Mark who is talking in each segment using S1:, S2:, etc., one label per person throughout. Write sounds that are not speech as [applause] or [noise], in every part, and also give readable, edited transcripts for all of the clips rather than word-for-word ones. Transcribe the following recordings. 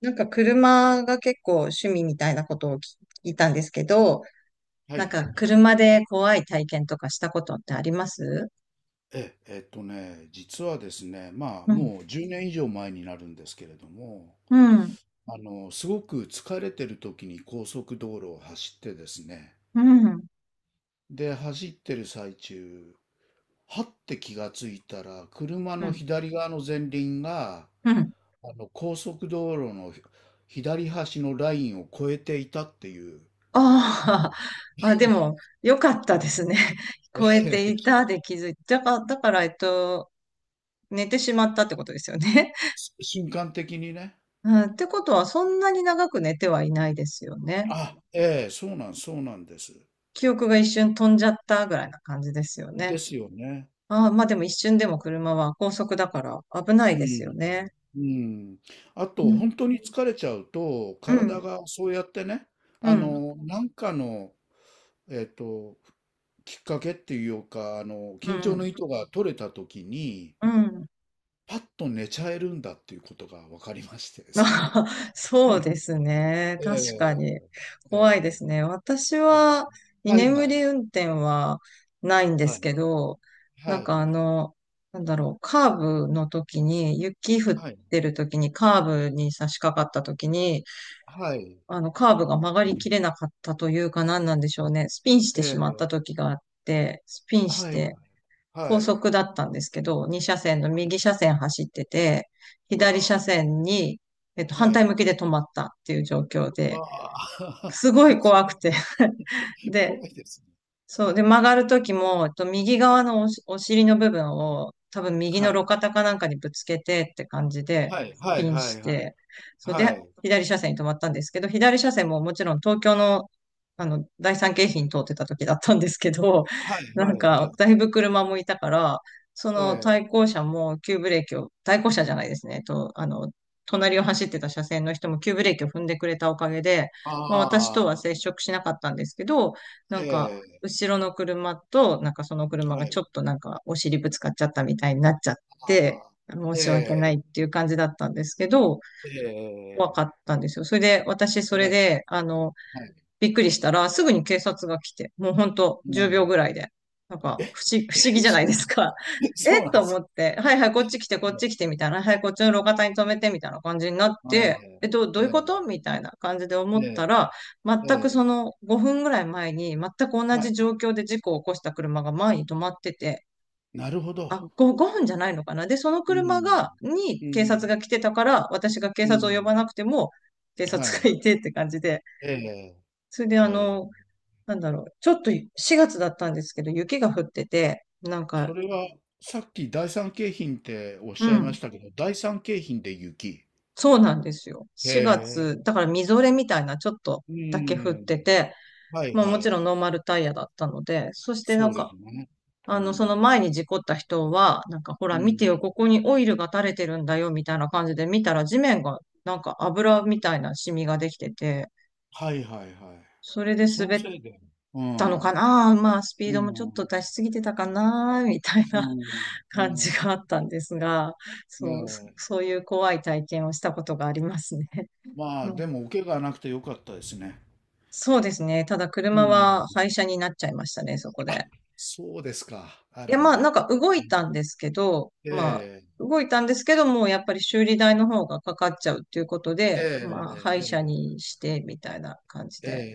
S1: なんか車が結構趣味みたいなことを聞いたんですけど、
S2: は
S1: なん
S2: い。
S1: か車で怖い体験とかしたことってあります？
S2: 実はですね、まあ、
S1: うん、
S2: もう10年以上前になるんですけれども、
S1: うん、
S2: すごく疲れてる時に高速道路を走ってですね、
S1: うん、
S2: で、走ってる最中、はって気がついたら、車
S1: う
S2: の
S1: ん、
S2: 左側の前輪が、
S1: うん。
S2: 高速道路の左端のラインを越えていたっていう。
S1: ああ、[laughs] よかったですね。[laughs] 超えてい
S2: [laughs]
S1: たで気づいて、だから寝てしまったってことですよね。
S2: 瞬間的にね。
S1: [laughs] うん、ってことは、そんなに長く寝てはいないですよね。
S2: あ、ええ、そうなんです。
S1: 記憶が一瞬飛んじゃったぐらいな感じですよ
S2: で
S1: ね。
S2: すよね。
S1: ああ、まあでも一瞬でも車は高速だから危ない
S2: う
S1: ですよ
S2: ん。
S1: ね。
S2: うん。あと、
S1: うん、
S2: 本当に疲れちゃうと、
S1: う
S2: 体
S1: ん、
S2: がそうやってね、
S1: うん、
S2: なんかの、えっと、きっかけっていうか、
S1: う
S2: 緊張の
S1: ん。
S2: 糸が取れた時に、
S1: うん、
S2: パッと寝ちゃえるんだっていうことが分かりましてですね。
S1: あ、 [laughs] そうですね。確か
S2: ええ
S1: に。怖いで
S2: え
S1: す
S2: え
S1: ね。私
S2: ええ、
S1: は居
S2: はい
S1: 眠
S2: はい、
S1: り運転はないんで
S2: は
S1: す
S2: い、
S1: けど、な
S2: は
S1: んか
S2: い、
S1: あの、カーブの時に、雪降っ
S2: はい、
S1: てる時に、カーブに差し掛かった時に、
S2: はい、
S1: カーブが曲がりきれなかったというか何なんでしょうね。スピンしてしまっ
S2: え
S1: た
S2: え、
S1: 時があって、スピンし
S2: はい、
S1: て、
S2: は
S1: 高速
S2: い、
S1: だったんですけど、2車線の
S2: はい、
S1: 右車線走ってて、
S2: わ
S1: 左車
S2: あ、
S1: 線に、反
S2: は
S1: 対
S2: い、
S1: 向きで止まったっていう状況で、
S2: わあ。
S1: すご
S2: [laughs]
S1: い
S2: そ
S1: 怖く
S2: う、
S1: て。[laughs] で、
S2: 怖いですね。
S1: そ
S2: は
S1: う。
S2: い。
S1: で、曲がるときも、右側のお尻の部分を、多分右の
S2: はい。
S1: 路肩かなんかにぶつけてって感じで、
S2: はいはい
S1: ピン
S2: は
S1: し
S2: いはい。
S1: て、そう
S2: は
S1: で、
S2: い。
S1: 左車線に止まったんですけど、左車線ももちろん東京の、第三京浜通ってた時だったんですけど、
S2: はい
S1: [laughs] なん
S2: はいは
S1: か、
S2: い。
S1: だいぶ車もいたから、そ
S2: え
S1: の
S2: え。
S1: 対向車も急ブレーキを、対向車じゃないですね、隣を走ってた車線の人も急ブレーキを踏んでくれたおかげで、まあ私
S2: あ
S1: と
S2: あ、
S1: は接触しなかったんですけど、な
S2: え
S1: んか、
S2: え、
S1: 後ろの車と、なんかその車
S2: は
S1: がちょ
S2: い。
S1: っとなんかお尻ぶつかっちゃったみたいになっちゃって、
S2: ああ、
S1: 申
S2: え
S1: し訳ないっ
S2: え、
S1: ていう感じだったんですけど、
S2: え
S1: 怖
S2: え
S1: かっ
S2: ええ、
S1: たんですよ。それで、私それ
S2: 怖いですね。
S1: で、
S2: はい。
S1: びっくりしたら、すぐに警察が来て、もうほんと
S2: う
S1: 10秒ぐ
S2: ん。
S1: らいで。なんか、
S2: え、
S1: 不
S2: え、
S1: 思議じゃ
S2: そ
S1: ない
S2: う
S1: で
S2: なん
S1: すか。[laughs]
S2: です。[laughs] そ
S1: え
S2: う
S1: っ
S2: なん
S1: と
S2: で
S1: 思
S2: す。
S1: って、はいはい、こっち来て、こっ
S2: ね。
S1: ち来て、みたいな。はい、こっちの路肩に止めて、みたいな感じになっ
S2: はい。
S1: て、え、ど
S2: え
S1: ういうこ
S2: え、
S1: とみたいな感じで思った
S2: え
S1: ら、全
S2: え、え
S1: くそ
S2: え、
S1: の5分ぐらい前に、全く同
S2: は
S1: じ
S2: い。
S1: 状況で事故を起こした車が前に止まってて、
S2: なるほど。
S1: あ、5分じゃないのかな。で、その
S2: うー
S1: 車
S2: ん。
S1: が、に
S2: う
S1: 警察
S2: ん、
S1: が来てたから、私が警
S2: う
S1: 察を呼
S2: ん。
S1: ばなくても、警
S2: は
S1: 察が
S2: い。
S1: いてって感じで、
S2: ええ、
S1: それで
S2: ええ。
S1: ちょっと4月だったんですけど、雪が降ってて、なん
S2: そ
S1: か、
S2: れは、さっき第三京浜っておっ
S1: う
S2: しゃいま
S1: ん、
S2: したけど、第三京浜で雪。
S1: そうなんですよ。
S2: へ
S1: 4月、
S2: え。
S1: だからみぞれみたいなちょっと
S2: う
S1: だけ降って
S2: ん。
S1: て、
S2: はい
S1: まあ
S2: は
S1: もちろ
S2: い。
S1: んノーマルタイヤだったので、そしてな
S2: そ
S1: ん
S2: うで
S1: か、
S2: すね。う
S1: その
S2: ん。
S1: 前に事故った人は、なんかほ
S2: う
S1: ら見て
S2: ん。
S1: よ、ここにオイルが垂れてるんだよ、みたいな感じで見たら地面がなんか油みたいなシミができてて、
S2: はいはいはい。
S1: それで
S2: その
S1: 滑っ
S2: せいで。うん。
S1: たの
S2: うん。
S1: かな、まあスピードもちょっと出しすぎてたかなみたい
S2: う
S1: な
S2: ん。
S1: 感じ
S2: う
S1: があ
S2: ん。
S1: ったんですが、
S2: ええ。
S1: そういう怖い体験をしたことがありますね。
S2: まあ、
S1: う
S2: で
S1: ん、
S2: も、お怪我はなくてよかったですね。
S1: そうですね。ただ
S2: う
S1: 車
S2: ん。
S1: は廃車になっちゃいましたね、そこ
S2: あ、
S1: で。
S2: そうですか。あ
S1: いや、
S2: ら
S1: ま
S2: ま
S1: あなん
S2: あ。
S1: か動いたんですけど、
S2: え
S1: まあ
S2: え、
S1: 動いたんですけども、うやっぱり修理代の方がかかっちゃうっていうこと
S2: え
S1: で、まあ
S2: え、
S1: 廃車にしてみたいな感じ
S2: ええ、
S1: で、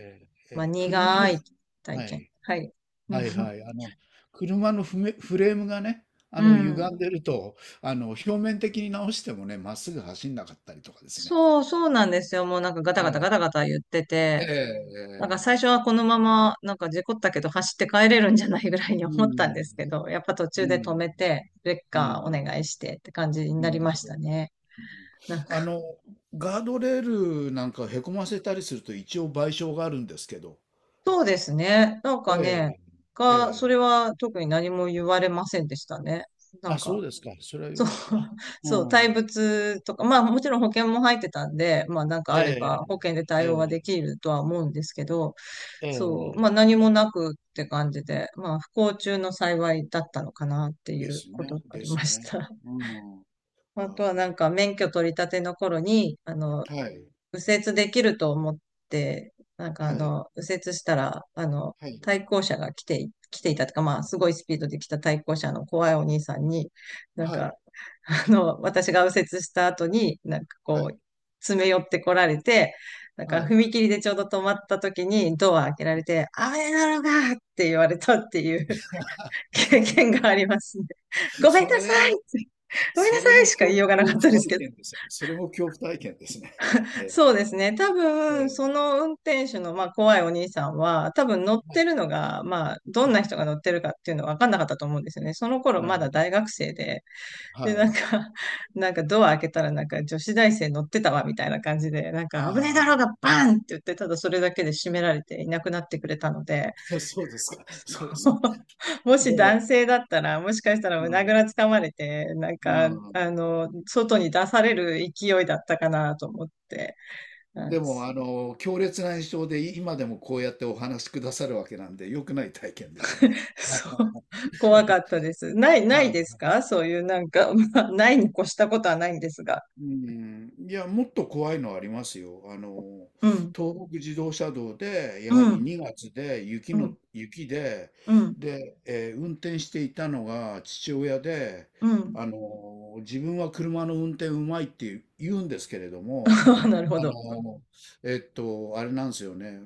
S2: ええ、え
S1: まあ
S2: え、車
S1: 苦
S2: の。
S1: い体
S2: は
S1: 験。
S2: い。
S1: はい。う
S2: は
S1: ん。
S2: いはい。車のフメフレームがね、
S1: うん、
S2: 歪んでると、表面的に直してもね、まっすぐ走んなかったりとかですね。
S1: そうなんですよ。もうなんかガタガタガ
S2: え
S1: タガタ言って
S2: え、
S1: て、
S2: え
S1: なんか
S2: え、
S1: 最初はこのまま、なんか事故ったけど走って帰れるんじゃないぐらいに
S2: う
S1: 思ったんで
S2: ん、
S1: すけど、やっぱ途
S2: う
S1: 中で止
S2: ん、
S1: めて、レッ
S2: う
S1: カーお
S2: ん、
S1: 願いしてって感じにな
S2: な
S1: り
S2: る
S1: ま
S2: ほ
S1: し
S2: ど。
S1: たね。
S2: うん。
S1: なんか、
S2: あの、ガードレールなんかへこませたりすると一応賠償があるんですけど。
S1: そうですね。なんか
S2: え
S1: ね、
S2: え、
S1: が、そ
S2: ええ。
S1: れは特に何も言われませんでしたね。な
S2: あ、
S1: んか、
S2: そうですか。それは良
S1: そう、
S2: かった。
S1: [laughs]
S2: う
S1: そう、対
S2: ん。
S1: 物とか、まあもちろん保険も入ってたんで、まあなんか
S2: え
S1: あれば保険で
S2: え、
S1: 対応は
S2: え
S1: できるとは思うんですけど、
S2: え、え
S1: そう、まあ
S2: え。
S1: 何もなくって感じで、まあ不幸中の幸いだったのかなってい
S2: で
S1: う
S2: す
S1: こと
S2: ね、
S1: があ
S2: で
S1: り
S2: す
S1: まし
S2: ね。
S1: た。[laughs]
S2: うん。
S1: あと
S2: あ
S1: はなんか免許取り立ての頃に、
S2: あ、はい、
S1: 右折できると思って、
S2: はい、
S1: 右折したら、
S2: はい、
S1: 対向車が来ていたとか、まあ、すごいスピードで来た対向車の怖いお兄さんに、なん
S2: は
S1: か、
S2: い、
S1: 私が右折した後に、なんか
S2: は
S1: こう、
S2: い、
S1: 詰め寄ってこられて、なんか
S2: はい。
S1: 踏切でちょうど止まった時にドア開けられて、危ないだろうがって言われたっていう [laughs] 経験が
S2: [laughs]
S1: ありますね。ごめん
S2: そ
S1: な
S2: れ、
S1: さいってごめんな
S2: そ
S1: さ
S2: れ
S1: い
S2: も
S1: しか言
S2: 恐、
S1: いようがな
S2: 恐
S1: か
S2: 怖
S1: ったです
S2: 体
S1: けど。
S2: 験ですよね。それも恐怖体験ですね。[laughs] ええ、
S1: そうですね。多
S2: え
S1: 分、そ
S2: え、
S1: の運転手の、まあ、怖いお兄さんは、多分乗ってるのが、まあ、ど
S2: う
S1: ん
S2: ん。
S1: な人が乗ってるかっていうのは分かんなかったと思うんですよね。その頃
S2: な
S1: ま
S2: るほ
S1: だ
S2: ど。
S1: 大学生で、
S2: は
S1: で、なん
S2: い。
S1: か、[laughs] なんかドア開けたら、なんか女子大生乗ってたわ、みたいな感じで、なんか危ねえ
S2: あ
S1: だ
S2: あ、
S1: ろうが、バーンって言って、ただそれだけで閉められていなくなってくれたので、
S2: [laughs] そうですか。そうです。
S1: [laughs] もし
S2: でも、
S1: 男性だったら、もしかしたら
S2: う
S1: 胸ぐ
S2: ん、
S1: らつかまれて、なん
S2: う
S1: か、
S2: ん。
S1: 外に出される勢いだったかなと思って、うん、
S2: でも、強烈な印象で今でもこうやってお話しくださるわけなんで、良くない体験でしたね。はい。
S1: そう。[laughs] 怖かっ
S2: [laughs]
S1: たです。な
S2: は
S1: い
S2: い。
S1: ですかそういうなんか、[laughs] まあ、ないに越したことはないんですが。
S2: うん、いや、もっと怖いのありますよ。
S1: うん、
S2: 東北自動車道で、やは
S1: う
S2: り
S1: ん、
S2: 2月で
S1: うん、
S2: 雪で、
S1: うん、
S2: で、運転していたのが父親で、
S1: うん。
S2: 自分は車の運転うまいって言うんですけれども、
S1: [laughs] なるほ
S2: あ
S1: ど。
S2: の、あれなんですよね。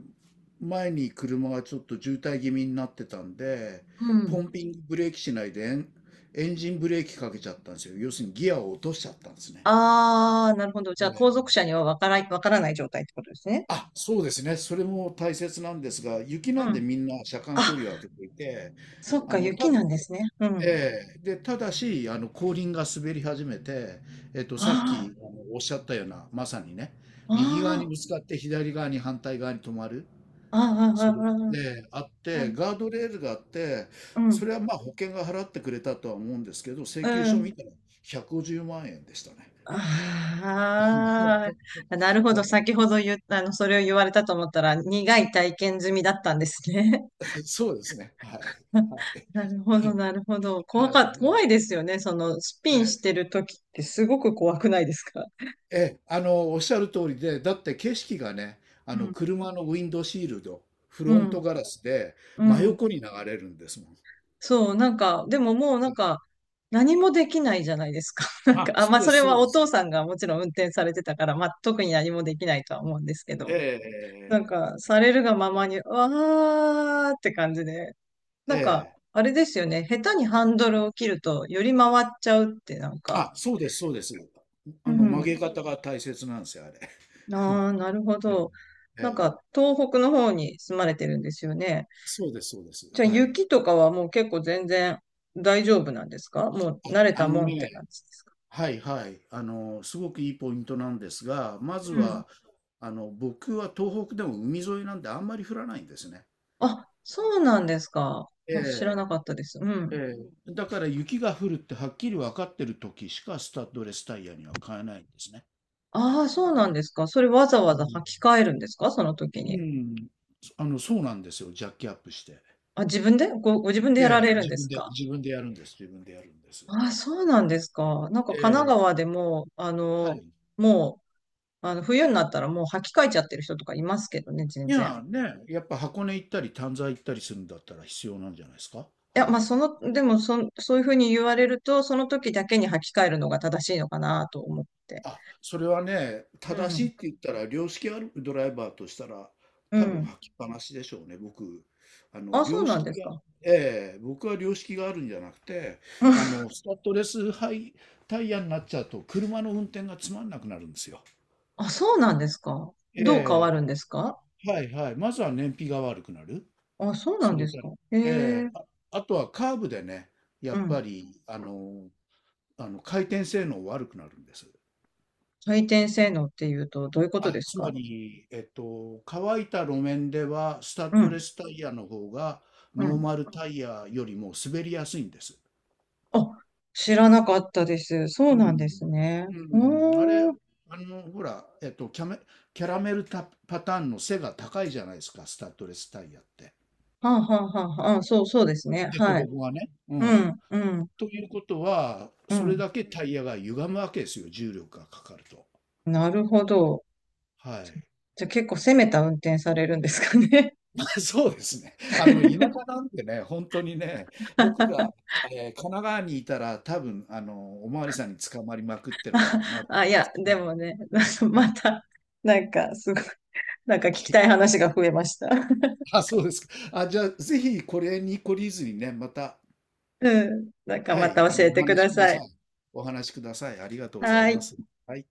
S2: 前に車がちょっと渋滞気味になってたんで、
S1: うん。
S2: ポンピングブレーキしないでエンジンブレーキかけちゃったんですよ。要するにギアを落としちゃったんですね。
S1: ああ、なるほど。じゃあ、
S2: え
S1: 後続
S2: え。
S1: 車にはわからない状態ってことですね。
S2: あ、そうですね。それも大切なんですが、雪
S1: う
S2: なんで
S1: ん。
S2: みんな車間距
S1: あ、
S2: 離を空けていて、
S1: そっ
S2: あ
S1: か、
S2: の、
S1: 雪
S2: た、
S1: なんですね。うん。
S2: ええ、で、ただし、後輪が滑り始めて、さっ
S1: あ
S2: き、おっしゃったような、まさにね、
S1: あ、
S2: 右側に
S1: あ
S2: ぶつかって左側に反対側に止まる、
S1: あ、ああ、あ
S2: それ
S1: あ、
S2: で、あっ
S1: ああ、う
S2: て、
S1: ん、
S2: ガードレールがあって、
S1: う
S2: そ
S1: ん、
S2: れはまあ保険が払ってくれたとは思うんですけど、請
S1: う
S2: 求書見
S1: ん。
S2: たら150万円でしたね。
S1: ああ、なる
S2: [laughs]
S1: ほ
S2: は
S1: ど。
S2: い、
S1: 先ほど言った、それを言われたと思ったら、苦い体験済みだったんですね。
S2: そうですね。はい。
S1: [laughs]
S2: は
S1: なるほど、
S2: い
S1: なるほど。
S2: はいは
S1: 怖
S2: い
S1: いですよね。その、スピ
S2: は
S1: ンし
S2: い。
S1: てる時ってすごく怖くないですか？
S2: ええ、おっしゃる通りで、だって景色がね、
S1: うん、
S2: 車のウィンドシールド、フ
S1: う
S2: ロン
S1: ん、
S2: トガラスで
S1: う
S2: 真
S1: ん。
S2: 横に流れるんですもん。
S1: そう、なんか、でももうなんか、何もできないじゃないですか。[laughs] なんか、
S2: あ、
S1: あ、
S2: そ
S1: ま
S2: う
S1: あ、
S2: で
S1: それ
S2: す、そ
S1: は
S2: うで
S1: お
S2: す。
S1: 父さんがもちろん運転されてたから、まあ、特に何もできないとは思うんですけ
S2: え
S1: ど、なん
S2: え、
S1: か、されるがままに、わーって感じで、
S2: え
S1: な
S2: え、
S1: んか、
S2: ええ。
S1: あれですよね。下手にハンドルを切ると、より回っちゃうって、なんか。
S2: あ、そうです、そうです。
S1: う
S2: 曲
S1: ん。
S2: げ方が大切なんですよ、あれ。
S1: ああ、なるほど。
S2: ええ、
S1: なん
S2: え
S1: か、
S2: え、
S1: 東北の方に住まれてるんですよね。
S2: そうです、そうです。
S1: じゃあ、
S2: はい。
S1: 雪とかはもう結構全然大丈夫なんですか？もう慣れ
S2: あ
S1: た
S2: の
S1: もんって感
S2: ね、
S1: じですか？
S2: はいはい。すごくいいポイントなんですが、まず
S1: うん。
S2: は、僕は東北でも海沿いなんであんまり降らないんですね。
S1: あ、そうなんですか。
S2: え
S1: あ、知らな
S2: え
S1: かったです。うん。
S2: ええ、だから雪が降るってはっきり分かってる時しかスタッドレスタイヤには買えないんですね。
S1: ああ、そうなんですか。それわざ
S2: う
S1: わざ
S2: ん。
S1: 履き替えるんですかその時
S2: う
S1: に。
S2: ん、そうなんですよ。ジャッキアップして。
S1: あ、自分でご自分で
S2: え
S1: やら
S2: え、
S1: れるんですか？
S2: 自分でやるんです。自分でやるんです。
S1: あ、そうなんですか。なんか
S2: え
S1: 神奈
S2: え、
S1: 川でも、あ
S2: は
S1: の、
S2: い。
S1: もう、あの、冬になったらもう履き替えちゃってる人とかいますけどね、
S2: い
S1: 全然。
S2: や、ね、やっぱ箱根行ったり、丹沢行ったりするんだったら必要なんじゃないですか。
S1: いや、
S2: は
S1: まあ、
S2: い。
S1: その、でもそん、そういうふうに言われると、その時だけに履き替えるのが正しいのかなと思って。
S2: あ、それはね、
S1: う
S2: 正し
S1: ん。
S2: いって言ったら、良識あるドライバーとしたら、
S1: う
S2: 多分
S1: ん。
S2: 履きっぱなしでしょうね、僕。
S1: あ、そう
S2: 良
S1: なんで
S2: 識
S1: す
S2: が、
S1: か。
S2: ええ、僕は良識があるんじゃなくて、
S1: [laughs] うん、
S2: スタッドレスハイタイヤになっちゃうと、車の運転がつまんなくなるんですよ。
S1: あ、そうなんですか。どう変わる
S2: え
S1: んですか？
S2: え、はいはい。まずは燃費が悪くなる。
S1: あ、そうな
S2: そ
S1: ん
S2: れ
S1: です
S2: から、
S1: か。へ
S2: え
S1: え。
S2: え、あ、あとはカーブでね、や
S1: う
S2: っぱ
S1: ん。
S2: り、回転性能悪くなるんです。
S1: 回転性能っていうと、どういうこと
S2: あ、
S1: です
S2: つま
S1: か？
S2: り、乾いた路面では、スタッ
S1: う
S2: ド
S1: ん。
S2: レスタイヤの方が、
S1: う
S2: ノー
S1: ん。
S2: マルタイヤよりも滑りやすいんです。
S1: あ、知らなかったです。そう
S2: う
S1: なん
S2: ん。
S1: ですね。
S2: うん。あれ、
S1: おー、
S2: ほら、キャラメルタパターンの背が高いじゃないですか、スタッドレスタイヤって。
S1: はあ、はあ、はあ、はあ、そう、そうですね。
S2: 凸
S1: はい。
S2: 凹がね。う
S1: う
S2: ん。
S1: ん、うん、
S2: ということは、
S1: う
S2: それ
S1: ん。
S2: だけタイヤが歪むわけですよ、重力がかかると。
S1: なるほど。
S2: はい。
S1: じゃあ結構攻めた運転されるんですかね。
S2: [laughs] そうですね。田舎
S1: [laughs]
S2: なんでね、本当にね、僕が、神奈川にいたら、多分、おまわりさんに捕まりまくってるだろうなと
S1: あ、
S2: 思
S1: い
S2: い
S1: や、で
S2: ます。
S1: もね、[laughs] なんか
S2: はい。
S1: また、なんか、すごい、なんか聞
S2: はい。は
S1: きた
S2: い。
S1: い話が増えました。
S2: あ、そうですか。あ、じゃあ、ぜひこれに懲りずにね、また、
S1: うん。なんか
S2: は
S1: ま
S2: い、
S1: た教え
S2: お
S1: てく
S2: 話し
S1: だ
S2: くだ
S1: さい。
S2: さい。お話しください。ありがとうござい
S1: は
S2: ま
S1: い。
S2: す。はい。